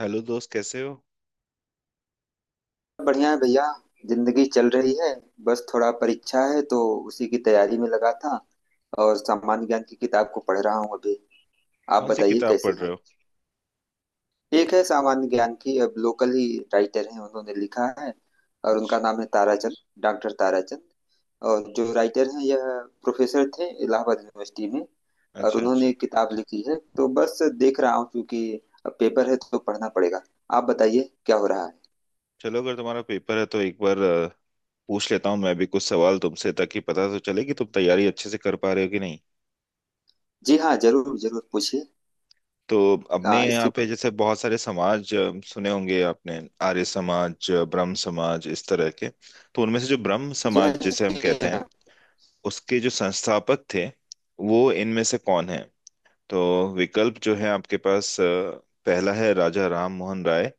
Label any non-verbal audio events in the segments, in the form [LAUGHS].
Hello दोस्त, कैसे हो? बढ़िया है भैया। जिंदगी चल रही है। बस थोड़ा परीक्षा है तो उसी की तैयारी में लगा था। और सामान्य ज्ञान की किताब को पढ़ रहा हूँ अभी। आप कौन सी बताइए किताब कैसे पढ़ रहे हैं। हो? एक है सामान्य ज्ञान की, अब लोकल ही राइटर हैं उन्होंने लिखा है। और उनका अच्छा, नाम है ताराचंद, डॉक्टर ताराचंद। और जो राइटर हैं यह प्रोफेसर थे इलाहाबाद यूनिवर्सिटी में। और अच्छा, उन्होंने अच्छा। एक किताब लिखी है तो बस देख रहा हूँ, क्योंकि अब पेपर है तो पढ़ना पड़ेगा। आप बताइए क्या हो रहा है। चलो, अगर तुम्हारा पेपर है तो एक बार पूछ लेता हूँ मैं भी कुछ सवाल तुमसे, ताकि पता तो चले कि तुम तैयारी अच्छे से कर पा रहे हो कि नहीं। जी हाँ, जरूर जरूर पूछिए। तो अपने यहाँ इसी। पे जैसे बहुत सारे समाज सुने होंगे आपने, आर्य समाज, ब्रह्म समाज, इस तरह के। तो उनमें से जो ब्रह्म जी हाँ समाज जिसे हम जी कहते हैं, हाँ। उसके जो संस्थापक थे वो इनमें से कौन है? तो विकल्प जो है आपके पास, पहला है राजा राम मोहन राय,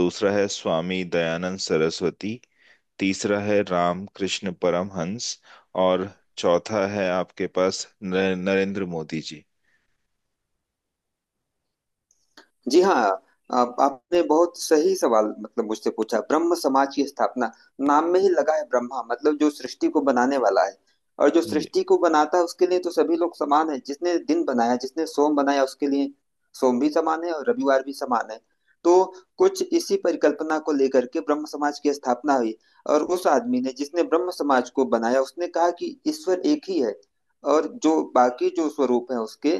दूसरा है स्वामी दयानंद सरस्वती, तीसरा है रामकृष्ण परमहंस, और चौथा है आपके पास नरेंद्र मोदी जी। जी हाँ। आपने बहुत सही सवाल मतलब मुझसे पूछा। ब्रह्म समाज की स्थापना, नाम में ही लगा है ब्रह्मा, मतलब जो सृष्टि को बनाने वाला है। और जो जी। सृष्टि को बनाता है उसके लिए तो सभी लोग समान है। जिसने दिन बनाया जिसने सोम बनाया, उसके लिए सोम भी समान है और रविवार भी समान है। तो कुछ इसी परिकल्पना को लेकर के ब्रह्म समाज की स्थापना हुई। और उस आदमी ने जिसने ब्रह्म समाज को बनाया उसने कहा कि ईश्वर एक ही है, और जो बाकी जो स्वरूप है उसके,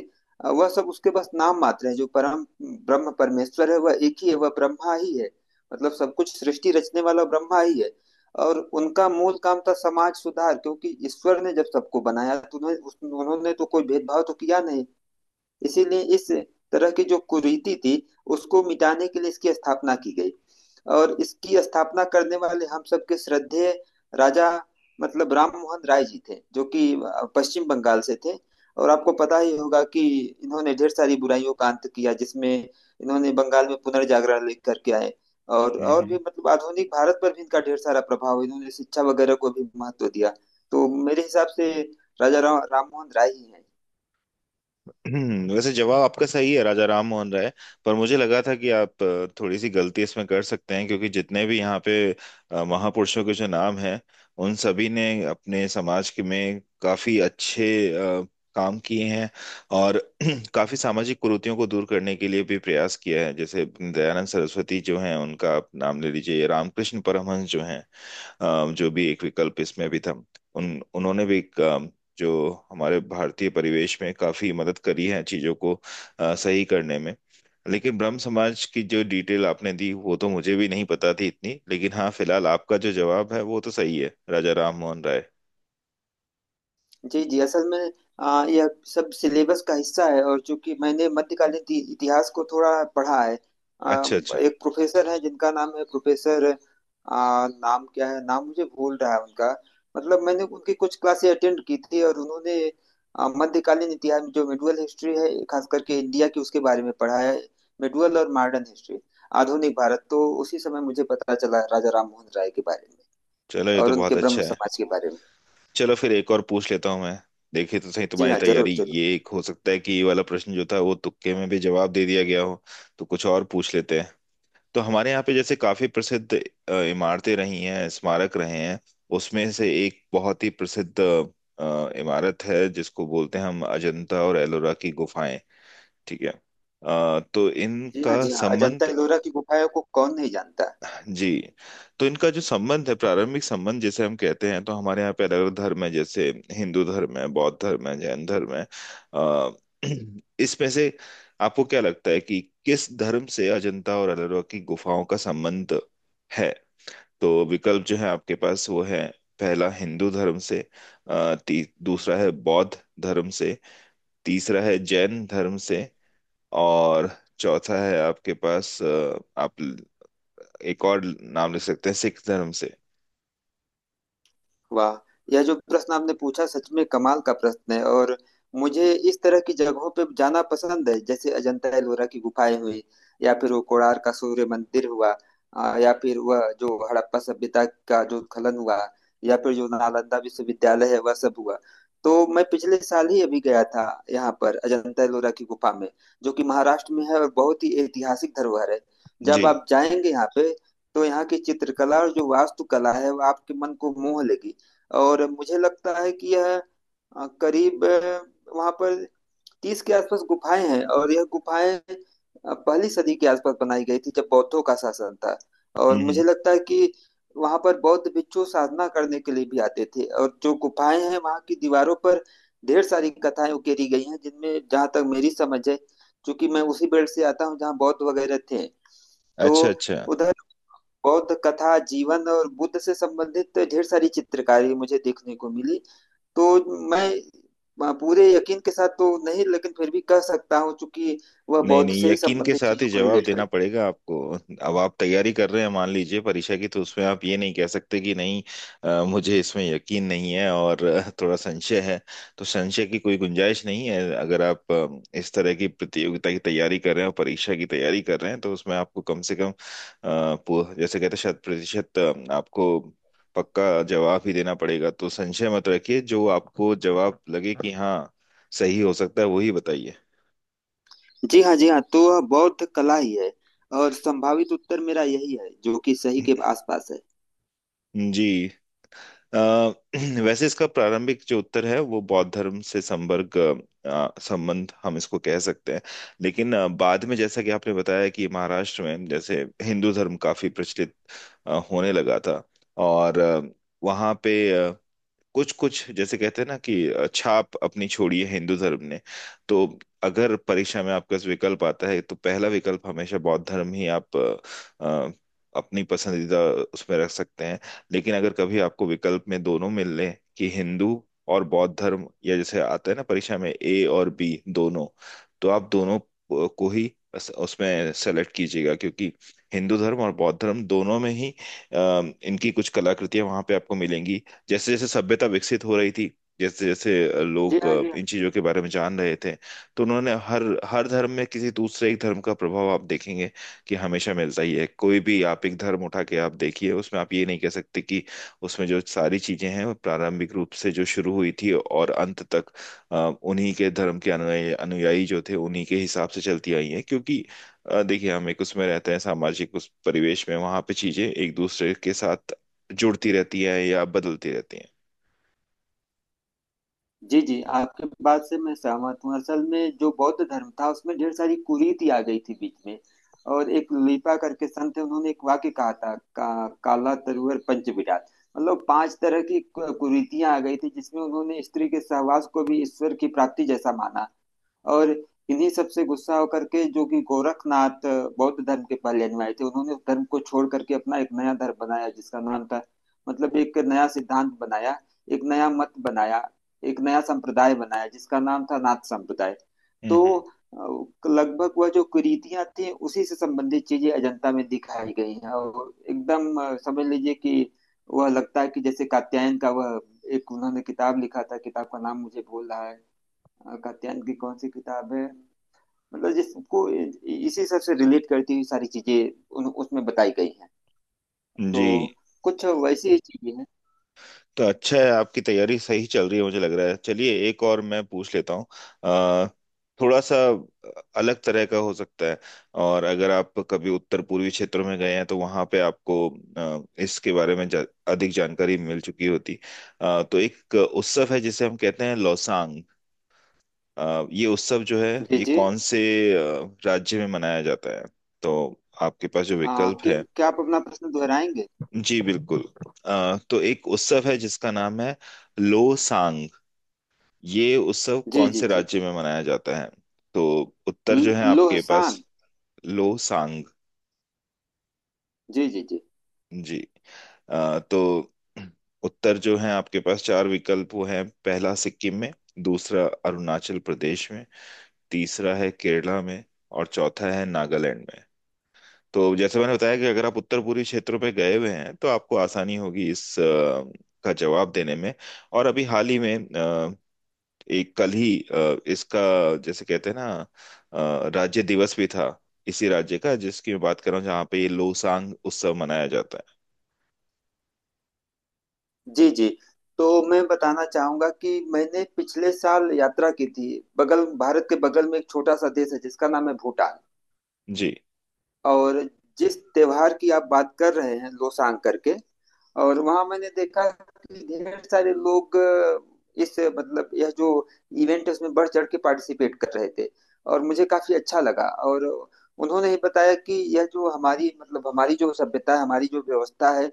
वह सब उसके बस नाम मात्र है। जो परम ब्रह्म परमेश्वर है वह एक ही है, वह ब्रह्मा ही है। मतलब सब कुछ सृष्टि रचने वाला ब्रह्मा ही है। और उनका मूल काम था समाज सुधार, क्योंकि ईश्वर ने जब सबको बनाया तो उन्हें उन्होंने तो कोई भेदभाव तो किया नहीं। इसीलिए इस तरह की जो कुरीति थी उसको मिटाने के लिए इसकी स्थापना की गई। और इसकी स्थापना करने वाले हम सबके श्रद्धेय राजा, मतलब राम मोहन राय जी थे, जो कि पश्चिम बंगाल से थे। और आपको पता ही होगा कि इन्होंने ढेर सारी बुराइयों का अंत किया, जिसमें इन्होंने बंगाल में पुनर्जागरण लेकर करके आए। और भी हम्म। मतलब आधुनिक भारत पर भी इनका ढेर सारा प्रभाव, इन्होंने शिक्षा वगैरह को भी महत्व दिया। तो मेरे हिसाब से राम मोहन राय ही हैं। वैसे जवाब आपका सही है, राजा राम मोहन राय। पर मुझे लगा था कि आप थोड़ी सी गलती इसमें कर सकते हैं, क्योंकि जितने भी यहाँ पे महापुरुषों के जो नाम हैं, उन सभी ने अपने समाज के में काफी अच्छे काम किए हैं, और [CLEARS THROAT] काफी सामाजिक कुरीतियों को दूर करने के लिए भी प्रयास किया है। जैसे दयानंद सरस्वती जो हैं उनका आप नाम ले लीजिए, रामकृष्ण परमहंस जो हैं, जो भी एक विकल्प इसमें भी था, उन उन्होंने भी एक, जो हमारे भारतीय परिवेश में काफी मदद करी है चीजों को सही करने में। लेकिन ब्रह्म समाज की जो डिटेल आपने दी वो तो मुझे भी नहीं पता थी इतनी, लेकिन हाँ, फिलहाल आपका जो जवाब है वो तो सही है, राजा राम मोहन राय। जी जी, असल में यह सब सिलेबस का हिस्सा है। और चूंकि मैंने मध्यकालीन इतिहास को थोड़ा पढ़ा है। आ, अच्छा, अच्छा। एक प्रोफेसर है जिनका नाम है प्रोफेसर नाम क्या है, नाम मुझे भूल रहा है उनका। मतलब मैंने उनकी कुछ क्लासें अटेंड की थी, और उन्होंने मध्यकालीन इतिहास, जो मेडुअल हिस्ट्री है, खास करके इंडिया की, उसके बारे में पढ़ा है। मेडुअल और मॉडर्न हिस्ट्री, आधुनिक भारत। तो उसी समय मुझे पता चला राजा राम मोहन राय के बारे में, चलो, ये और तो उनके बहुत ब्रह्म अच्छा है। समाज के बारे में। चलो फिर एक और पूछ लेता हूँ मैं, देखे तो सही जी तुम्हारी हाँ, जरूर तैयारी। जरूर। ये एक हो सकता है कि ये वाला प्रश्न जो था वो तुक्के में भी जवाब दे दिया गया हो, तो कुछ और पूछ लेते हैं। तो हमारे यहाँ पे जैसे काफी प्रसिद्ध इमारतें रही हैं, स्मारक रहे हैं। उसमें से एक बहुत ही प्रसिद्ध इमारत है जिसको बोलते हैं हम अजंता और एलोरा की गुफाएं। ठीक है? तो जी हाँ इनका जी हाँ, अजंता संबंध। एलोरा की गुफाओं को कौन नहीं जानता। जी। तो इनका जो संबंध है, प्रारंभिक संबंध जिसे हम कहते हैं, तो हमारे यहाँ पे अलग अलग धर्म है, जैसे हिंदू धर्म है, बौद्ध धर्म है, जैन धर्म है। अ, [CLEARS THROAT] इसमें से आपको क्या लगता है कि किस धर्म से अजंता और एलोरा की गुफाओं का संबंध है? तो विकल्प जो है आपके पास वो है, पहला हिंदू धर्म से, दूसरा है बौद्ध धर्म से, तीसरा है जैन धर्म से, और चौथा है आपके पास, आप एक और नाम लिख सकते हैं, सिख धर्म से। वाह! यह जो प्रश्न आपने पूछा सच में कमाल का प्रश्न है। और मुझे इस तरह की जगहों पे जाना पसंद है, जैसे अजंता एलोरा की गुफाएं हुई, या फिर वो कोणार्क का सूर्य मंदिर हुआ, या फिर वह जो हड़प्पा सभ्यता का जो उत्खनन हुआ, या फिर जो नालंदा विश्वविद्यालय है वह सब हुआ। तो मैं पिछले साल ही अभी गया था यहाँ पर अजंता एलोरा की गुफा में, जो कि महाराष्ट्र में है और बहुत ही ऐतिहासिक धरोहर है। जी। जब आप जाएंगे यहाँ पे, तो यहाँ की चित्रकला और जो वास्तुकला है वो आपके मन को मोह लेगी। और मुझे लगता है कि यह करीब वहां पर 30 के आसपास गुफाएं हैं। और यह गुफाएं पहली सदी के आसपास बनाई गई थी, जब बौद्धों का शासन था। और हम्म। मुझे हम्म। लगता है कि वहां पर बौद्ध भिक्षु साधना करने के लिए भी आते थे। और जो गुफाएं हैं वहां की दीवारों पर ढेर सारी कथाएं उकेरी गई हैं, जिनमें जहां तक मेरी समझ है, क्योंकि मैं उसी बेल्ट से आता हूँ जहाँ बौद्ध वगैरह थे, तो अच्छा, अच्छा। उधर बौद्ध कथा जीवन और बुद्ध से संबंधित ढेर सारी चित्रकारी मुझे देखने को मिली। तो मैं पूरे यकीन के साथ तो नहीं लेकिन फिर भी कह सकता हूँ, चूंकि वह नहीं बौद्ध नहीं, से ही यकीन के संबंधित साथ ही चीजों को जवाब रिलेट देना कर। पड़ेगा आपको। अब आप तैयारी कर रहे हैं, मान लीजिए परीक्षा की, तो उसमें आप ये नहीं कह सकते कि नहीं, मुझे इसमें यकीन नहीं है और [LAUGHS] थोड़ा संशय है। तो संशय की कोई गुंजाइश नहीं है, अगर आप इस तरह की प्रतियोगिता की तैयारी कर रहे हैं और परीक्षा की तैयारी कर रहे हैं, तो उसमें आपको कम से कम जैसे कहते हैं शत प्रतिशत आपको पक्का जवाब ही देना पड़ेगा। तो संशय मत रखिए, जो आपको जवाब लगे कि हाँ सही हो सकता है वही बताइए। जी हाँ जी हाँ, तो वह बौद्ध कला ही है, और संभावित उत्तर मेरा यही है जो कि सही के [CLEARS THROAT] आसपास है। जी। अ, [CLEARS THROAT] वैसे इसका प्रारंभिक जो उत्तर है वो बौद्ध धर्म से संपर्क, संबंध हम इसको कह सकते हैं। लेकिन बाद में, जैसा कि आपने बताया कि महाराष्ट्र में जैसे हिंदू धर्म काफी प्रचलित होने लगा था, और वहाँ पे कुछ कुछ जैसे कहते हैं ना कि छाप अपनी छोड़ी है हिंदू धर्म ने, तो अगर परीक्षा में आपका विकल्प आता है तो पहला विकल्प हमेशा बौद्ध धर्म ही आप अ, अपनी पसंदीदा उसमें रख सकते हैं। लेकिन अगर कभी आपको विकल्प में दोनों मिल लें कि हिंदू और बौद्ध धर्म, या जैसे आता है ना परीक्षा में ए और बी दोनों, तो आप दोनों को ही बस उसमें सेलेक्ट कीजिएगा, क्योंकि हिंदू धर्म और बौद्ध धर्म दोनों में ही अ, इनकी कुछ कलाकृतियां वहां पे आपको मिलेंगी। जैसे जैसे सभ्यता विकसित हो रही थी, जैसे जैसे जी लोग हाँ जी हाँ। इन चीजों के बारे में जान रहे थे, तो उन्होंने हर हर धर्म में किसी दूसरे एक धर्म का प्रभाव आप देखेंगे कि हमेशा मिलता ही है। कोई भी आप एक धर्म उठा के आप देखिए, उसमें आप ये नहीं कह सकते कि उसमें जो सारी चीजें हैं वो प्रारंभिक रूप से जो शुरू हुई थी और अंत तक अ, उन्हीं के धर्म के अनुयायी अनुयायी जो थे उन्हीं के हिसाब से चलती आई हैं। क्योंकि देखिए हम एक उसमें रहते हैं सामाजिक उस परिवेश में, वहां पे चीजें एक दूसरे के साथ जुड़ती रहती है या बदलती रहती है। जी जी, आपके बात से मैं सहमत हूँ। असल में जो बौद्ध धर्म था उसमें ढेर सारी कुरीति आ गई थी बीच में। और एक लिपा करके संत थे, उन्होंने एक वाक्य कहा था काला तरुवर पंच विराट, मतलब पांच तरह की कुरीतियां आ गई थी, जिसमें उन्होंने स्त्री के सहवास को भी ईश्वर की प्राप्ति जैसा माना। और इन्हीं सब से गुस्सा होकर के जो कि गोरखनाथ बौद्ध धर्म के पहले अनुयायी थे, उन्होंने उस धर्म को छोड़ करके अपना एक नया धर्म बनाया जिसका नाम था, मतलब एक नया सिद्धांत बनाया, एक नया मत बनाया, एक नया संप्रदाय बनाया जिसका नाम था नाथ संप्रदाय। तो हम्म। लगभग वह जो कुरीतियां थी उसी से संबंधित चीजें अजंता में दिखाई गई हैं। और एकदम समझ लीजिए कि वह लगता है कि जैसे कात्यायन का वह एक, उन्होंने किताब लिखा था, किताब का नाम मुझे भूल रहा है। कात्यायन की कौन सी किताब है, मतलब जिसको इसी सब से रिलेट करती हुई सारी चीजें उन उसमें बताई गई हैं। तो जी। कुछ वैसी ही चीजें हैं। तो अच्छा है, आपकी तैयारी सही चल रही है मुझे लग रहा है। चलिए एक और मैं पूछ लेता हूँ, अ, थोड़ा सा अलग तरह का हो सकता है। और अगर आप कभी उत्तर पूर्वी क्षेत्र में गए हैं तो वहाँ पे आपको इसके बारे में अधिक जानकारी मिल चुकी होती। तो एक उत्सव है जिसे हम कहते हैं लौसांग। ये उत्सव जो है, जी ये जी। कौन से राज्य में मनाया जाता है? तो आपके पास जो विकल्प क्या है। क्या, आप अपना प्रश्न दोहराएंगे? जी बिल्कुल। तो एक उत्सव है जिसका नाम है लोसांग। ये उत्सव जी कौन जी से जी। राज्य में मनाया जाता है? तो उत्तर जो है आपके पास। लोहसान? लोसांग। जी जी जी। जी। तो उत्तर जो है आपके पास चार विकल्प, वो हैं पहला सिक्किम में, दूसरा अरुणाचल प्रदेश में, तीसरा है केरला में, और चौथा है नागालैंड में। तो जैसे मैंने बताया कि अगर आप उत्तर पूर्वी क्षेत्रों पे गए हुए हैं तो आपको आसानी होगी इस का जवाब देने में। और अभी हाल ही में एक कल ही इसका, जैसे कहते हैं ना, राज्य दिवस भी था इसी राज्य का, जिसकी मैं बात कर रहा हूँ, जहाँ पे ये लोसांग उत्सव मनाया जाता जी जी। तो मैं बताना चाहूंगा कि मैंने पिछले साल यात्रा की थी। बगल, भारत के बगल में एक छोटा सा देश है जिसका नाम है भूटान। है। जी। और जिस त्योहार की आप बात कर रहे हैं लोसांग करके, और वहां मैंने देखा कि ढेर सारे लोग इस, मतलब यह जो इवेंट है उसमें बढ़ चढ़ के पार्टिसिपेट कर रहे थे। और मुझे काफी अच्छा लगा। और उन्होंने ही बताया कि यह जो हमारी, मतलब हमारी जो सभ्यता है हमारी जो व्यवस्था है,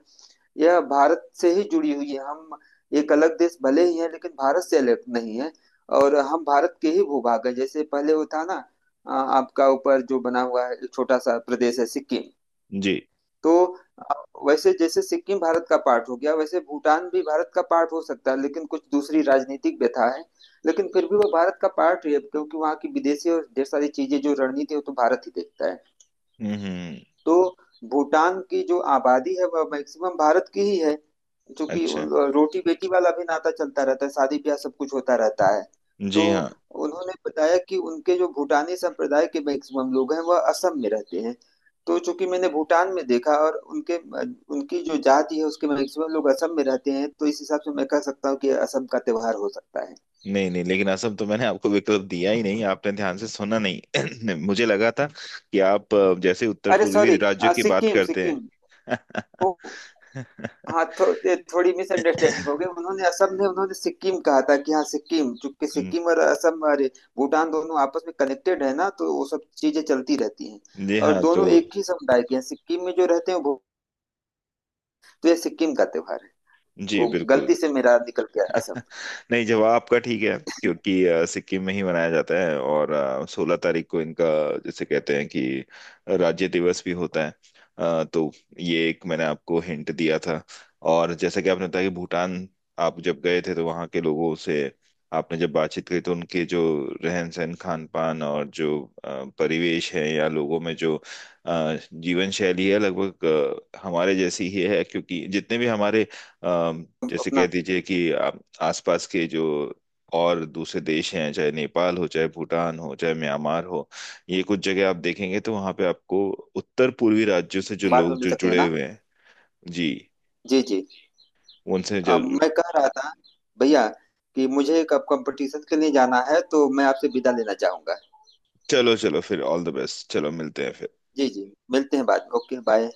यह भारत से ही जुड़ी हुई है। हम एक अलग देश भले ही है लेकिन भारत से अलग नहीं है। और हम भारत के ही भूभाग है, जैसे पहले वो था ना, आपका ऊपर जो बना हुआ है एक छोटा सा प्रदेश है सिक्किम। जी। तो अ, वैसे जैसे सिक्किम भारत का पार्ट हो गया, वैसे भूटान भी भारत का पार्ट हो सकता है, लेकिन कुछ दूसरी राजनीतिक व्यथा है। लेकिन फिर भी वो भारत का पार्ट ही है, क्योंकि वहाँ की विदेशी और ढेर सारी चीजें जो रणनीति है वो तो भारत ही देखता है। हम्म। तो भूटान की जो आबादी है वह मैक्सिमम भारत की ही है, क्योंकि अच्छा। रोटी बेटी वाला भी नाता चलता रहता है, शादी ब्याह सब कुछ होता रहता है। तो जी हाँ। उन्होंने बताया कि उनके जो भूटानी संप्रदाय के मैक्सिमम लोग हैं वह असम में रहते हैं। तो चूंकि मैंने भूटान में देखा, और उनके, उनकी जो जाति है उसके मैक्सिमम लोग असम में रहते हैं, तो इस हिसाब से मैं कह सकता हूँ कि असम का त्योहार हो सकता है। नहीं नहीं, लेकिन असम तो मैंने आपको विकल्प दिया ही नहीं, आपने ध्यान से सुना नहीं। [CLEARS THROAT] मुझे लगा था कि आप जैसे उत्तर अरे पूर्वी सॉरी! राज्यों की बात सिक्किम करते हैं। सिक्किम [LAUGHS] ओ। [LAUGHS] ये थोड़ी मिसअंडरस्टैंडिंग हो गई, हम्म, उन्होंने असम, ने उन्होंने सिक्किम कहा था कि हाँ सिक्किम, चूंकि सिक्किम और असम अरे भूटान दोनों आपस में कनेक्टेड है ना, तो वो सब चीजें चलती रहती हैं। जी और हाँ तो। दोनों एक ही समुदाय के हैं, सिक्किम में जो रहते हैं वो। तो ये सिक्किम का त्योहार है। जी वो बिल्कुल। गलती से मेरा निकल गया [LAUGHS] असम। नहीं, जवाब आपका ठीक है, क्योंकि सिक्किम में ही मनाया जाता है, और 16 तारीख को इनका, जैसे कहते हैं कि, राज्य दिवस भी होता है। तो ये एक मैंने आपको हिंट दिया था। और जैसा कि आपने बताया कि भूटान आप जब गए थे तो वहाँ के लोगों से आपने जब बातचीत की तो उनके जो रहन सहन, खान पान, और जो परिवेश है या लोगों में जो जीवन शैली है, लगभग हमारे जैसी ही है। क्योंकि जितने भी हमारे, हम जैसे कह अपना दीजिए कि आसपास के जो और दूसरे देश हैं, चाहे नेपाल हो, चाहे भूटान हो, चाहे म्यांमार हो, ये कुछ जगह आप देखेंगे तो वहां पे आपको उत्तर पूर्वी राज्यों से जो बाद लोग में मिल जो सकते हैं जुड़े ना। हुए हैं। जी। जी जी। उनसे जो। मैं कह रहा था भैया कि मुझे एक कंपटीशन के लिए जाना है, तो मैं आपसे विदा लेना चाहूंगा। चलो चलो, फिर ऑल द बेस्ट। चलो मिलते हैं फिर। जी जी। मिलते हैं बाद में। Okay, bye.